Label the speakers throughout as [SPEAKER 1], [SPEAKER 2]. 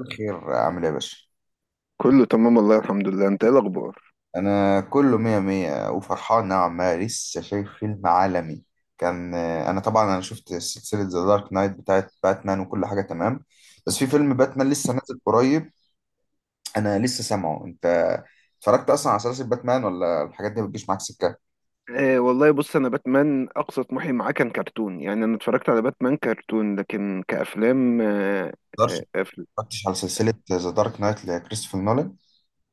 [SPEAKER 1] الخير، عامل ايه يا باشا؟
[SPEAKER 2] كله تمام والله الحمد لله، انت ايه الاخبار؟
[SPEAKER 1] انا كله مية مية وفرحان نوعا ما، لسه شايف فيلم عالمي. انا طبعا شفت سلسلة ذا دارك نايت بتاعت باتمان وكل حاجة تمام، بس في فيلم باتمان لسه نازل قريب. انا لسه سامعه. انت اتفرجت اصلا على سلسلة باتمان ولا الحاجات دي بتجيش معاك سكة؟
[SPEAKER 2] آه والله، بص، انا باتمان اقصى طموحي معاه كان كرتون. يعني انا اتفرجت على باتمان كرتون، لكن كافلام.
[SPEAKER 1] مقدرش.
[SPEAKER 2] آه آه، أفل...
[SPEAKER 1] اتفرجتش على سلسلة ذا دارك نايت لكريستوفر نولان؟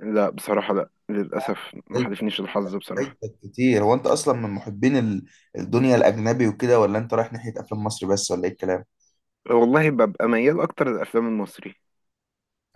[SPEAKER 2] لا بصراحه، لا للاسف ما
[SPEAKER 1] فايتك،
[SPEAKER 2] حالفنيش الحظ بصراحه.
[SPEAKER 1] فايتك كتير. هو انت اصلا من محبين الدنيا الاجنبي وكده، ولا انت رايح ناحية افلام مصري بس، ولا ايه الكلام؟
[SPEAKER 2] والله ببقى ميال اكتر للافلام المصري.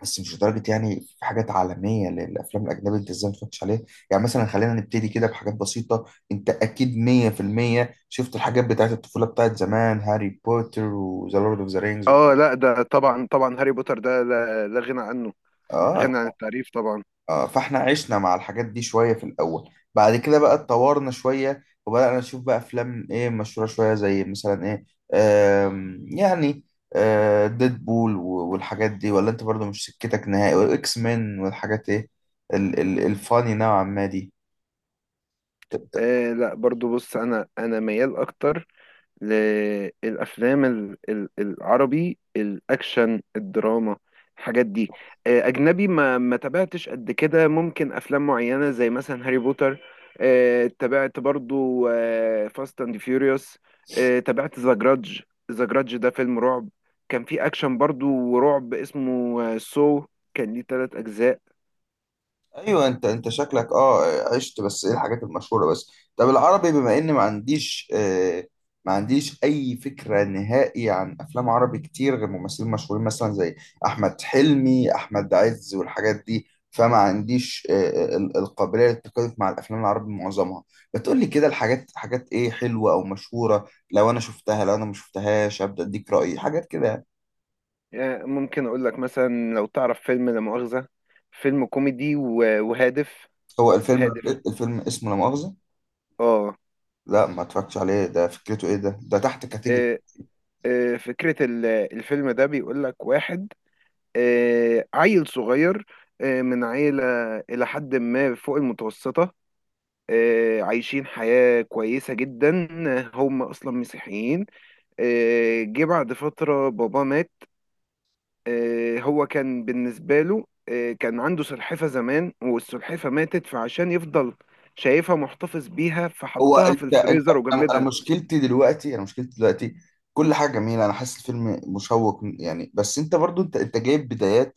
[SPEAKER 1] بس مش لدرجة، يعني في حاجات عالمية للأفلام الأجنبية، أنت إزاي ما اتفرجتش عليها؟ يعني مثلا خلينا نبتدي كده بحاجات بسيطة. أنت أكيد 100% شفت الحاجات بتاعت الطفولة بتاعت زمان، هاري بوتر وذا لورد أوف ذا رينجز.
[SPEAKER 2] اه لا، ده طبعا طبعا هاري بوتر ده، لا لا غنى عنه.
[SPEAKER 1] آه،
[SPEAKER 2] غنى عن التعريف طبعا.
[SPEAKER 1] آه، فاحنا عشنا مع الحاجات دي شوية في الأول. بعد كده بقى اتطورنا شوية وبدأنا نشوف بقى أفلام إيه مشهورة شوية، زي مثلا إيه، يعني، ديدبول و- والحاجات دي، ولا أنت برضو مش سكتك نهائي؟ وإكس مان والحاجات إيه، الفاني نوعا ما دي.
[SPEAKER 2] لا، برضو بص، انا ميال اكتر للأفلام العربي الأكشن الدراما، الحاجات دي. أجنبي ما تابعتش قد كده، ممكن أفلام معينة زي مثلا هاري بوتر. تابعت برضو فاست أند فيوريوس. تابعت ذا جراج. ذا جراج ده فيلم رعب، كان فيه أكشن برضو ورعب، اسمه سو، كان ليه 3 أجزاء.
[SPEAKER 1] ايوه، انت شكلك عشت، بس ايه، الحاجات المشهوره بس. طب العربي، بما ان ما عنديش اي فكره نهائي عن افلام عربي كتير غير ممثلين مشهورين مثلا زي احمد حلمي، احمد عز والحاجات دي، فما عنديش القابليه للتكيف مع الافلام العربي معظمها. بتقول لي كده الحاجات، حاجات حلوه او مشهوره، لو انا شفتها لو انا ما شفتهاش ابدا اديك رايي حاجات كده يعني.
[SPEAKER 2] ممكن أقول لك مثلا، لو تعرف فيلم لا مؤاخذة. فيلم كوميدي و- وهادف،
[SPEAKER 1] هو الفيلم،
[SPEAKER 2] هادف.
[SPEAKER 1] الفيلم اسمه لا مؤاخذه؟
[SPEAKER 2] اه.
[SPEAKER 1] لا، ما اتفرجتش عليه. ده فكرته ايه؟ ده تحت كاتيجوري.
[SPEAKER 2] آه، فكرة الفيلم ده بيقول لك واحد، عيل صغير من عيلة إلى حد ما فوق المتوسطة، عايشين حياة كويسة جدا. هم أصلا مسيحيين. جه بعد فترة بابا مات. هو كان بالنسبة له كان عنده سلحفة زمان والسلحفة ماتت، فعشان يفضل شايفها محتفظ بيها
[SPEAKER 1] هو
[SPEAKER 2] فحطها في
[SPEAKER 1] انت انت
[SPEAKER 2] الفريزر
[SPEAKER 1] أنا
[SPEAKER 2] وجمدها.
[SPEAKER 1] مشكلتي دلوقتي، انا مشكلتي دلوقتي، كل حاجه جميله، انا حاسس الفيلم مشوق يعني، بس انت برضو، انت جايب بدايات.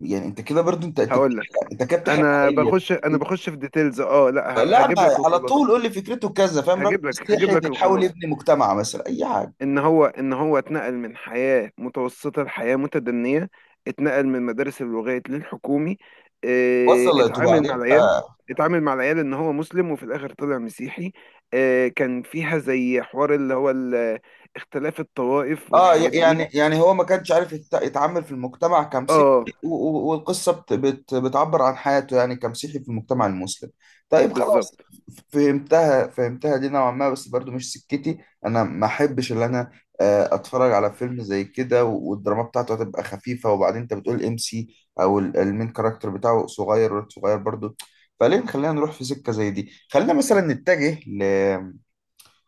[SPEAKER 1] يعني انت كده برضو، انت انت
[SPEAKER 2] هقول لك.
[SPEAKER 1] بتحرق- انت كده بتحرق
[SPEAKER 2] انا
[SPEAKER 1] عليا.
[SPEAKER 2] بخش انا بخش في ديتيلز. اه لا،
[SPEAKER 1] لا ما
[SPEAKER 2] هجيب لك
[SPEAKER 1] على طول
[SPEAKER 2] الخلاصه.
[SPEAKER 1] قول لي فكرته كذا، فاهم؟ راجل
[SPEAKER 2] هجيب لك هجيب
[SPEAKER 1] مسيحي
[SPEAKER 2] لك
[SPEAKER 1] بيحاول
[SPEAKER 2] الخلاصه،
[SPEAKER 1] يبني مجتمع مثلا، اي حاجه.
[SPEAKER 2] ان هو اتنقل من حياه متوسطه لحياه متدنيه. اتنقل من مدارس اللغات للحكومي. اه،
[SPEAKER 1] وصلت،
[SPEAKER 2] اتعامل مع
[SPEAKER 1] وبعدين؟
[SPEAKER 2] العيال. اتعامل مع العيال، ان هو مسلم وفي الاخر طلع مسيحي. اه، كان فيها زي حوار اللي هو اختلاف الطوائف
[SPEAKER 1] اه،
[SPEAKER 2] والحاجات
[SPEAKER 1] ي-
[SPEAKER 2] دي.
[SPEAKER 1] يعني يعني هو ما كانش عارف يتعامل في المجتمع كمسيحي،
[SPEAKER 2] اه،
[SPEAKER 1] و- و- والقصه بت بت بتعبر عن حياته يعني كمسيحي في المجتمع المسلم. طيب، خلاص،
[SPEAKER 2] بالظبط.
[SPEAKER 1] فهمتها. دي نوعا ما بس برضو مش سكتي. انا ما احبش ان انا اتفرج على فيلم زي كده، و- والدراما بتاعته هتبقى خفيفه، وبعدين انت بتقول ام سي او المين كاركتر بتاعه صغير، ولد صغير برضو. فليه خلينا نروح في سكه زي دي؟ خلينا مثلا نتجه،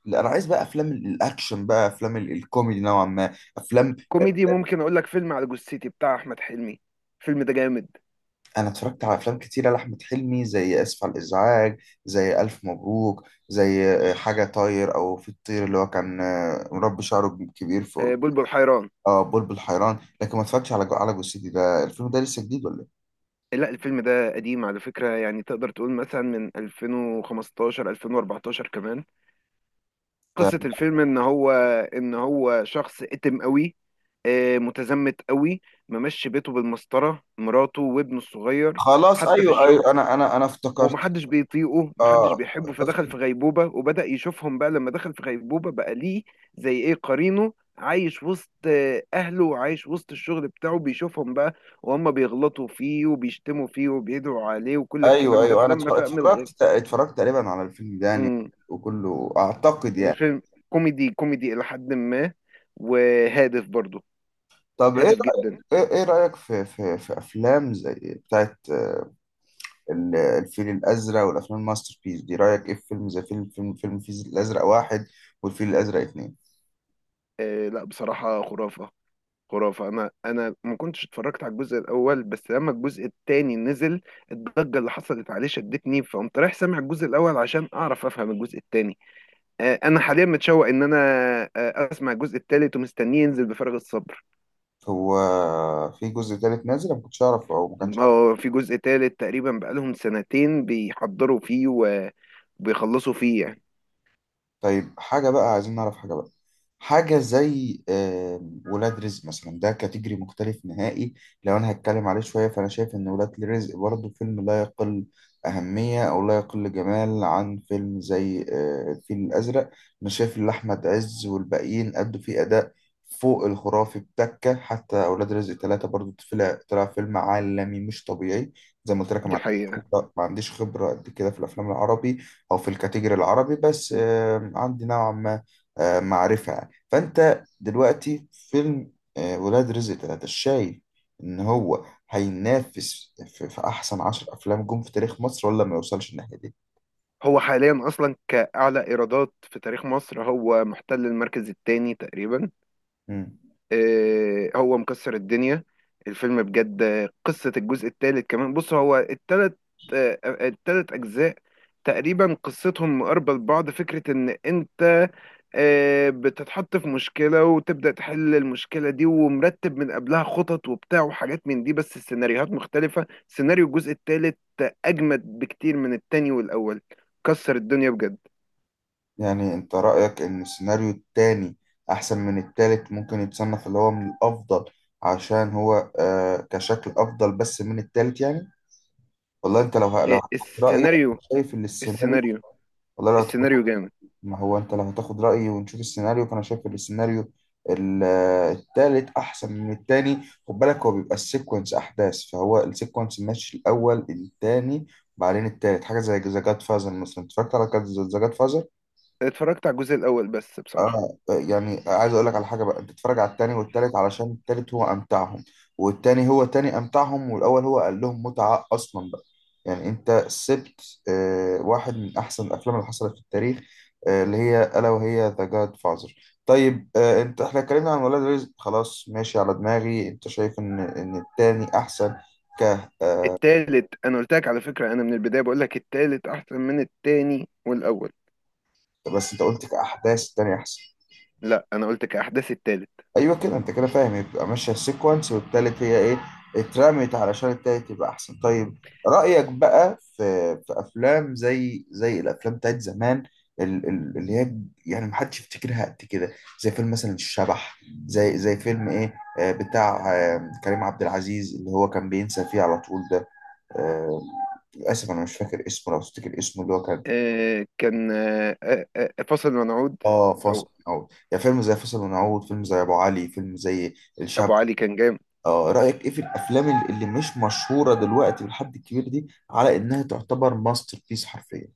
[SPEAKER 1] لا، انا عايز بقى افلام الاكشن، بقى افلام الكوميدي نوعا ما افلام.
[SPEAKER 2] كوميدي، ممكن اقول لك فيلم على جثتي بتاع احمد حلمي. الفيلم ده جامد.
[SPEAKER 1] انا اتفرجت على افلام كتيره لاحمد حلمي زي اسف على الازعاج، زي الف مبروك، زي حاجه طاير او في الطير اللي هو كان مربي شعره كبير فوق.
[SPEAKER 2] بلبل حيران.
[SPEAKER 1] اه، بلبل حيران. لكن ما اتفرجتش على على جثتي، ده الفيلم ده لسه جديد ولا ايه؟
[SPEAKER 2] لا، الفيلم ده قديم على فكرة، يعني تقدر تقول مثلا من 2015 2014 كمان.
[SPEAKER 1] ده
[SPEAKER 2] قصة الفيلم ان هو شخص اتم قوي، متزمت قوي. ممشي بيته بالمسطرة، مراته وابنه الصغير،
[SPEAKER 1] خلاص،
[SPEAKER 2] حتى في
[SPEAKER 1] ايوه
[SPEAKER 2] الشغل.
[SPEAKER 1] ايوه، انا افتكرت.
[SPEAKER 2] ومحدش بيطيقه، محدش
[SPEAKER 1] اه،
[SPEAKER 2] بيحبه، فدخل
[SPEAKER 1] افتكرت.
[SPEAKER 2] في غيبوبة وبدأ يشوفهم بقى لما دخل في غيبوبة بقى ليه زي ايه قرينه، عايش وسط أهله وعايش وسط الشغل بتاعه، بيشوفهم بقى وهم بيغلطوا فيه وبيشتموا فيه وبيدعوا عليه وكل
[SPEAKER 1] ايوه
[SPEAKER 2] الكلام ده،
[SPEAKER 1] ايوه، انا
[SPEAKER 2] فلما
[SPEAKER 1] اتفرجت
[SPEAKER 2] فهم الغ...
[SPEAKER 1] اتفرجت تقريبا على الفيلم ده يعني،
[SPEAKER 2] مم.
[SPEAKER 1] وكله اعتقد يعني.
[SPEAKER 2] الفيلم كوميدي، كوميدي إلى حد ما، وهادف برضه.
[SPEAKER 1] طب، ايه
[SPEAKER 2] هادف جدا.
[SPEAKER 1] إيه رأيك في، في افلام زي بتاعت الفيل الازرق والافلام الماستر بيس دي؟ رأيك ايه في فيلم زي فيلم الفيل الازرق واحد، والفيل الازرق اتنين؟
[SPEAKER 2] لا بصراحة، خرافة. خرافة. أنا ما كنتش اتفرجت على الجزء الأول، بس لما الجزء التاني نزل الضجة اللي حصلت عليه شدتني، فقمت رايح سامع الجزء الأول عشان أعرف أفهم الجزء التاني. أنا حاليا متشوق إن أنا آه، أسمع الجزء التالت، ومستنيه ينزل بفارغ الصبر.
[SPEAKER 1] هو في جزء تالت نازل؟ أنا ما كنتش اعرف، او ما كانش اعرف.
[SPEAKER 2] هو في جزء تالت تقريبا، بقالهم سنتين بيحضروا فيه وبيخلصوا فيه يعني.
[SPEAKER 1] طيب، حاجة بقى عايزين نعرف. حاجة بقى، حاجة زي ولاد رزق مثلا، ده كاتيجري مختلف نهائي. لو أنا هتكلم عليه شوية، فأنا شايف إن ولاد رزق برضه فيلم لا يقل أهمية، أو لا يقل جمال عن فيلم زي الفيل الأزرق. أنا شايف إن أحمد عز والباقيين أدوا فيه أداء فوق الخرافي بتكة، حتى أولاد رزق ثلاثة برضه طلع فيلم عالمي مش طبيعي. زي ما قلت لك، أنا
[SPEAKER 2] دي
[SPEAKER 1] ما عنديش
[SPEAKER 2] حقيقة.
[SPEAKER 1] خبرة، قد كده في الأفلام العربي أو في الكاتيجري العربي، بس عندي نوعا ما معرفة. فانت دلوقتي في فيلم ولاد رزق تلاتة، شايف ان هو هينافس في احسن عشر افلام جم في تاريخ مصر، ولا ما يوصلش الناحية دي؟
[SPEAKER 2] هو حاليا أصلا كأعلى إيرادات في تاريخ مصر، هو محتل المركز التاني تقريبا.
[SPEAKER 1] مم.
[SPEAKER 2] هو مكسر الدنيا الفيلم بجد. قصة الجزء الثالث كمان، بص هو التلت، آه، التلت أجزاء تقريبا قصتهم مقاربة لبعض. فكرة إن أنت بتتحط في مشكلة وتبدأ تحل المشكلة دي، ومرتب من قبلها خطط وبتاع وحاجات من دي، بس السيناريوهات مختلفة. سيناريو الجزء الثالث أجمد بكتير من التاني والأول. كسر الدنيا بجد.
[SPEAKER 1] يعني انت رأيك ان السيناريو التاني احسن من التالت، ممكن يتصنف اللي هو من الافضل، عشان هو كشكل افضل بس من التالت يعني؟ والله انت لو
[SPEAKER 2] آه،
[SPEAKER 1] هتاخد رأيي،
[SPEAKER 2] السيناريو
[SPEAKER 1] شايف ان السيناريو،
[SPEAKER 2] السيناريو
[SPEAKER 1] والله لو هتاخد،
[SPEAKER 2] السيناريو جامد.
[SPEAKER 1] ما هو انت لو هتاخد رأيي ونشوف السيناريو، فانا شايف ان السيناريو، ال- التالت احسن من التاني. خد بالك، هو بيبقى السيكونس احداث، فهو السيكونس ماشي الاول، التاني، بعدين التالت. حاجة زي ذا جاد فازر مثلا، اتفرجت على ذا جاد فازر؟
[SPEAKER 2] اتفرجت على الجزء الأول بس، بصراحة.
[SPEAKER 1] اه، يعني عايز اقول لك على حاجه بقى، انت تتفرج على التاني والتالت علشان التالت هو امتعهم، والتاني هو تاني امتعهم، والاول هو قال لهم متعه اصلا بقى. يعني انت سبت واحد من احسن الافلام اللي حصلت في التاريخ، اللي هي الا وهي ذا جاد فازر. طيب، انت احنا اتكلمنا عن ولاد رزق، خلاص ماشي على دماغي. انت شايف ان التاني احسن؟ ك آه
[SPEAKER 2] التالت، انا قلت لك على فكرة، انا من البداية بقول لك التالت احسن من التاني والاول.
[SPEAKER 1] بس انت قلت كاحداث التاني احسن؟
[SPEAKER 2] لا، انا قلت كأحداث التالت.
[SPEAKER 1] ايوه كده، انت كده فاهم، يبقى ماشيه سيكونس والتالت هي ايه؟ اترمت علشان التالت يبقى احسن. طيب، رأيك بقى في، افلام زي، الافلام بتاعت زمان، اللي هي يعني محدش يفتكرها قد كده، زي فيلم مثلا الشبح، زي، زي فيلم ايه آه، بتاع آه، كريم عبد العزيز اللي هو كان بينسى فيه على طول ده، آه، للاسف انا مش فاكر اسمه، لو تفتكر اسمه اللي هو كان.
[SPEAKER 2] كان فاصل منعود،
[SPEAKER 1] اه، فاصل
[SPEAKER 2] او
[SPEAKER 1] ونعود. يعني فيلم زي فاصل ونعود، فيلم زي ابو علي، فيلم زي
[SPEAKER 2] ابو
[SPEAKER 1] الشبح.
[SPEAKER 2] علي كان جامد.
[SPEAKER 1] اه، رأيك ايه في الافلام اللي مش مشهورة دلوقتي بالحد الكبير دي، على انها تعتبر ماستر بيس حرفيا؟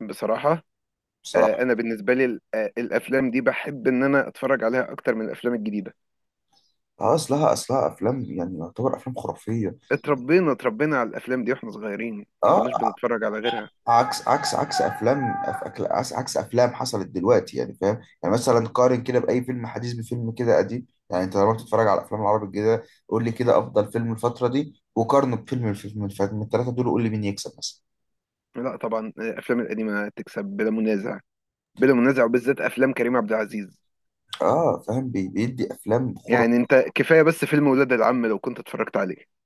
[SPEAKER 2] بصراحة، انا
[SPEAKER 1] بصراحة.
[SPEAKER 2] بالنسبة لي الافلام دي بحب ان انا اتفرج عليها اكتر من الافلام الجديدة.
[SPEAKER 1] اه، اصلها افلام يعني يعتبر افلام خرافية.
[SPEAKER 2] اتربينا على الافلام دي واحنا صغيرين، ما كناش
[SPEAKER 1] اه،
[SPEAKER 2] بنتفرج على غيرها.
[SPEAKER 1] عكس افلام أف- أكل- عكس عكس افلام حصلت دلوقتي، يعني فاهم؟ يعني مثلا قارن كده باي فيلم حديث بفيلم كده قديم. يعني انت لما بتتفرج على الافلام العربي الجديدة، قول لي كده افضل فيلم الفترة دي وقارنه بفيلم، اللي فات من الثلاثة دول، قول لي مين يكسب مثلا.
[SPEAKER 2] لا طبعا، الافلام القديمة تكسب بلا منازع. بلا منازع، وبالذات افلام كريم عبد العزيز.
[SPEAKER 1] اه فاهم، بيدي افلام
[SPEAKER 2] يعني
[SPEAKER 1] خرافية.
[SPEAKER 2] انت كفاية بس فيلم ولاد العم، لو كنت اتفرجت عليه.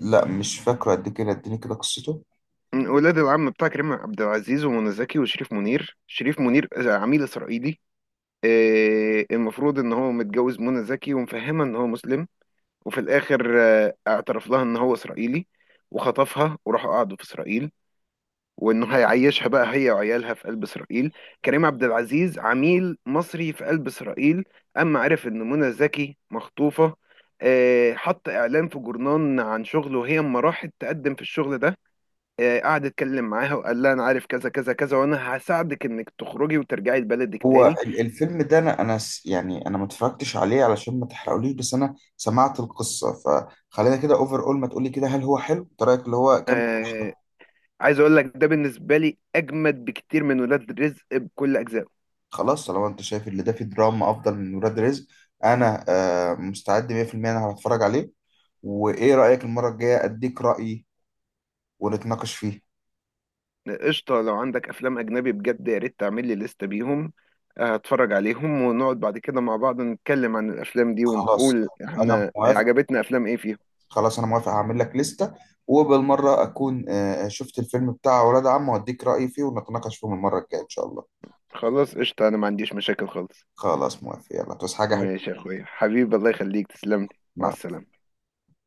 [SPEAKER 1] لا، مش فاكره قد كده، اديني كده قصته.
[SPEAKER 2] ولاد العم بتاع كريم عبد العزيز ومنى زكي وشريف منير. شريف منير عميل اسرائيلي. المفروض ان هو متجوز منى زكي ومفهمها ان هو مسلم، وفي الاخر اعترف لها ان هو اسرائيلي. وخطفها وراحوا قعدوا في اسرائيل، وانه هيعيشها بقى هي وعيالها في قلب اسرائيل. كريم عبد العزيز عميل مصري في قلب اسرائيل، اما عرف ان منى زكي مخطوفة، حط اعلان في جورنان عن شغله. وهي اما راحت تقدم في الشغل ده، قعد يتكلم معاها وقال لها، انا عارف كذا كذا كذا، وانا هساعدك انك تخرجي وترجعي لبلدك
[SPEAKER 1] هو
[SPEAKER 2] تاني.
[SPEAKER 1] الفيلم ده، انا انا ما اتفرجتش عليه علشان ما تحرقوليش، بس انا سمعت القصه، فخلينا كده اوفر، اول ما تقولي كده هل هو حلو، إنت رايك اللي هو كم
[SPEAKER 2] آه، عايز اقول لك، ده بالنسبه لي اجمد بكتير من ولاد رزق بكل اجزائه.
[SPEAKER 1] خلاص، طالما انت شايف اللي ده فيه دراما افضل من ولاد رزق، انا مستعد 100%، انا هتفرج عليه. وايه رايك، المره الجايه اديك رايي ونتناقش فيه.
[SPEAKER 2] قشطه، لو عندك افلام اجنبي بجد، يا ريت تعمل لي لسته بيهم، هتفرج عليهم ونقعد بعد كده مع بعض، نتكلم عن الافلام دي
[SPEAKER 1] خلاص
[SPEAKER 2] ونقول
[SPEAKER 1] انا
[SPEAKER 2] احنا
[SPEAKER 1] موافق.
[SPEAKER 2] عجبتنا افلام ايه فيها.
[SPEAKER 1] هعمل لك لسته، وبالمره اكون شفت الفيلم بتاع ولاد عم واديك رايي فيه، ونتناقش فيه المره الجايه ان شاء الله.
[SPEAKER 2] خلاص، قشطه، انا ما عنديش مشاكل خالص.
[SPEAKER 1] خلاص، موافق، يلا توس حاجة حلوة.
[SPEAKER 2] ماشي يا اخويا حبيبي، الله يخليك، تسلم لي. مع
[SPEAKER 1] مع
[SPEAKER 2] السلامه.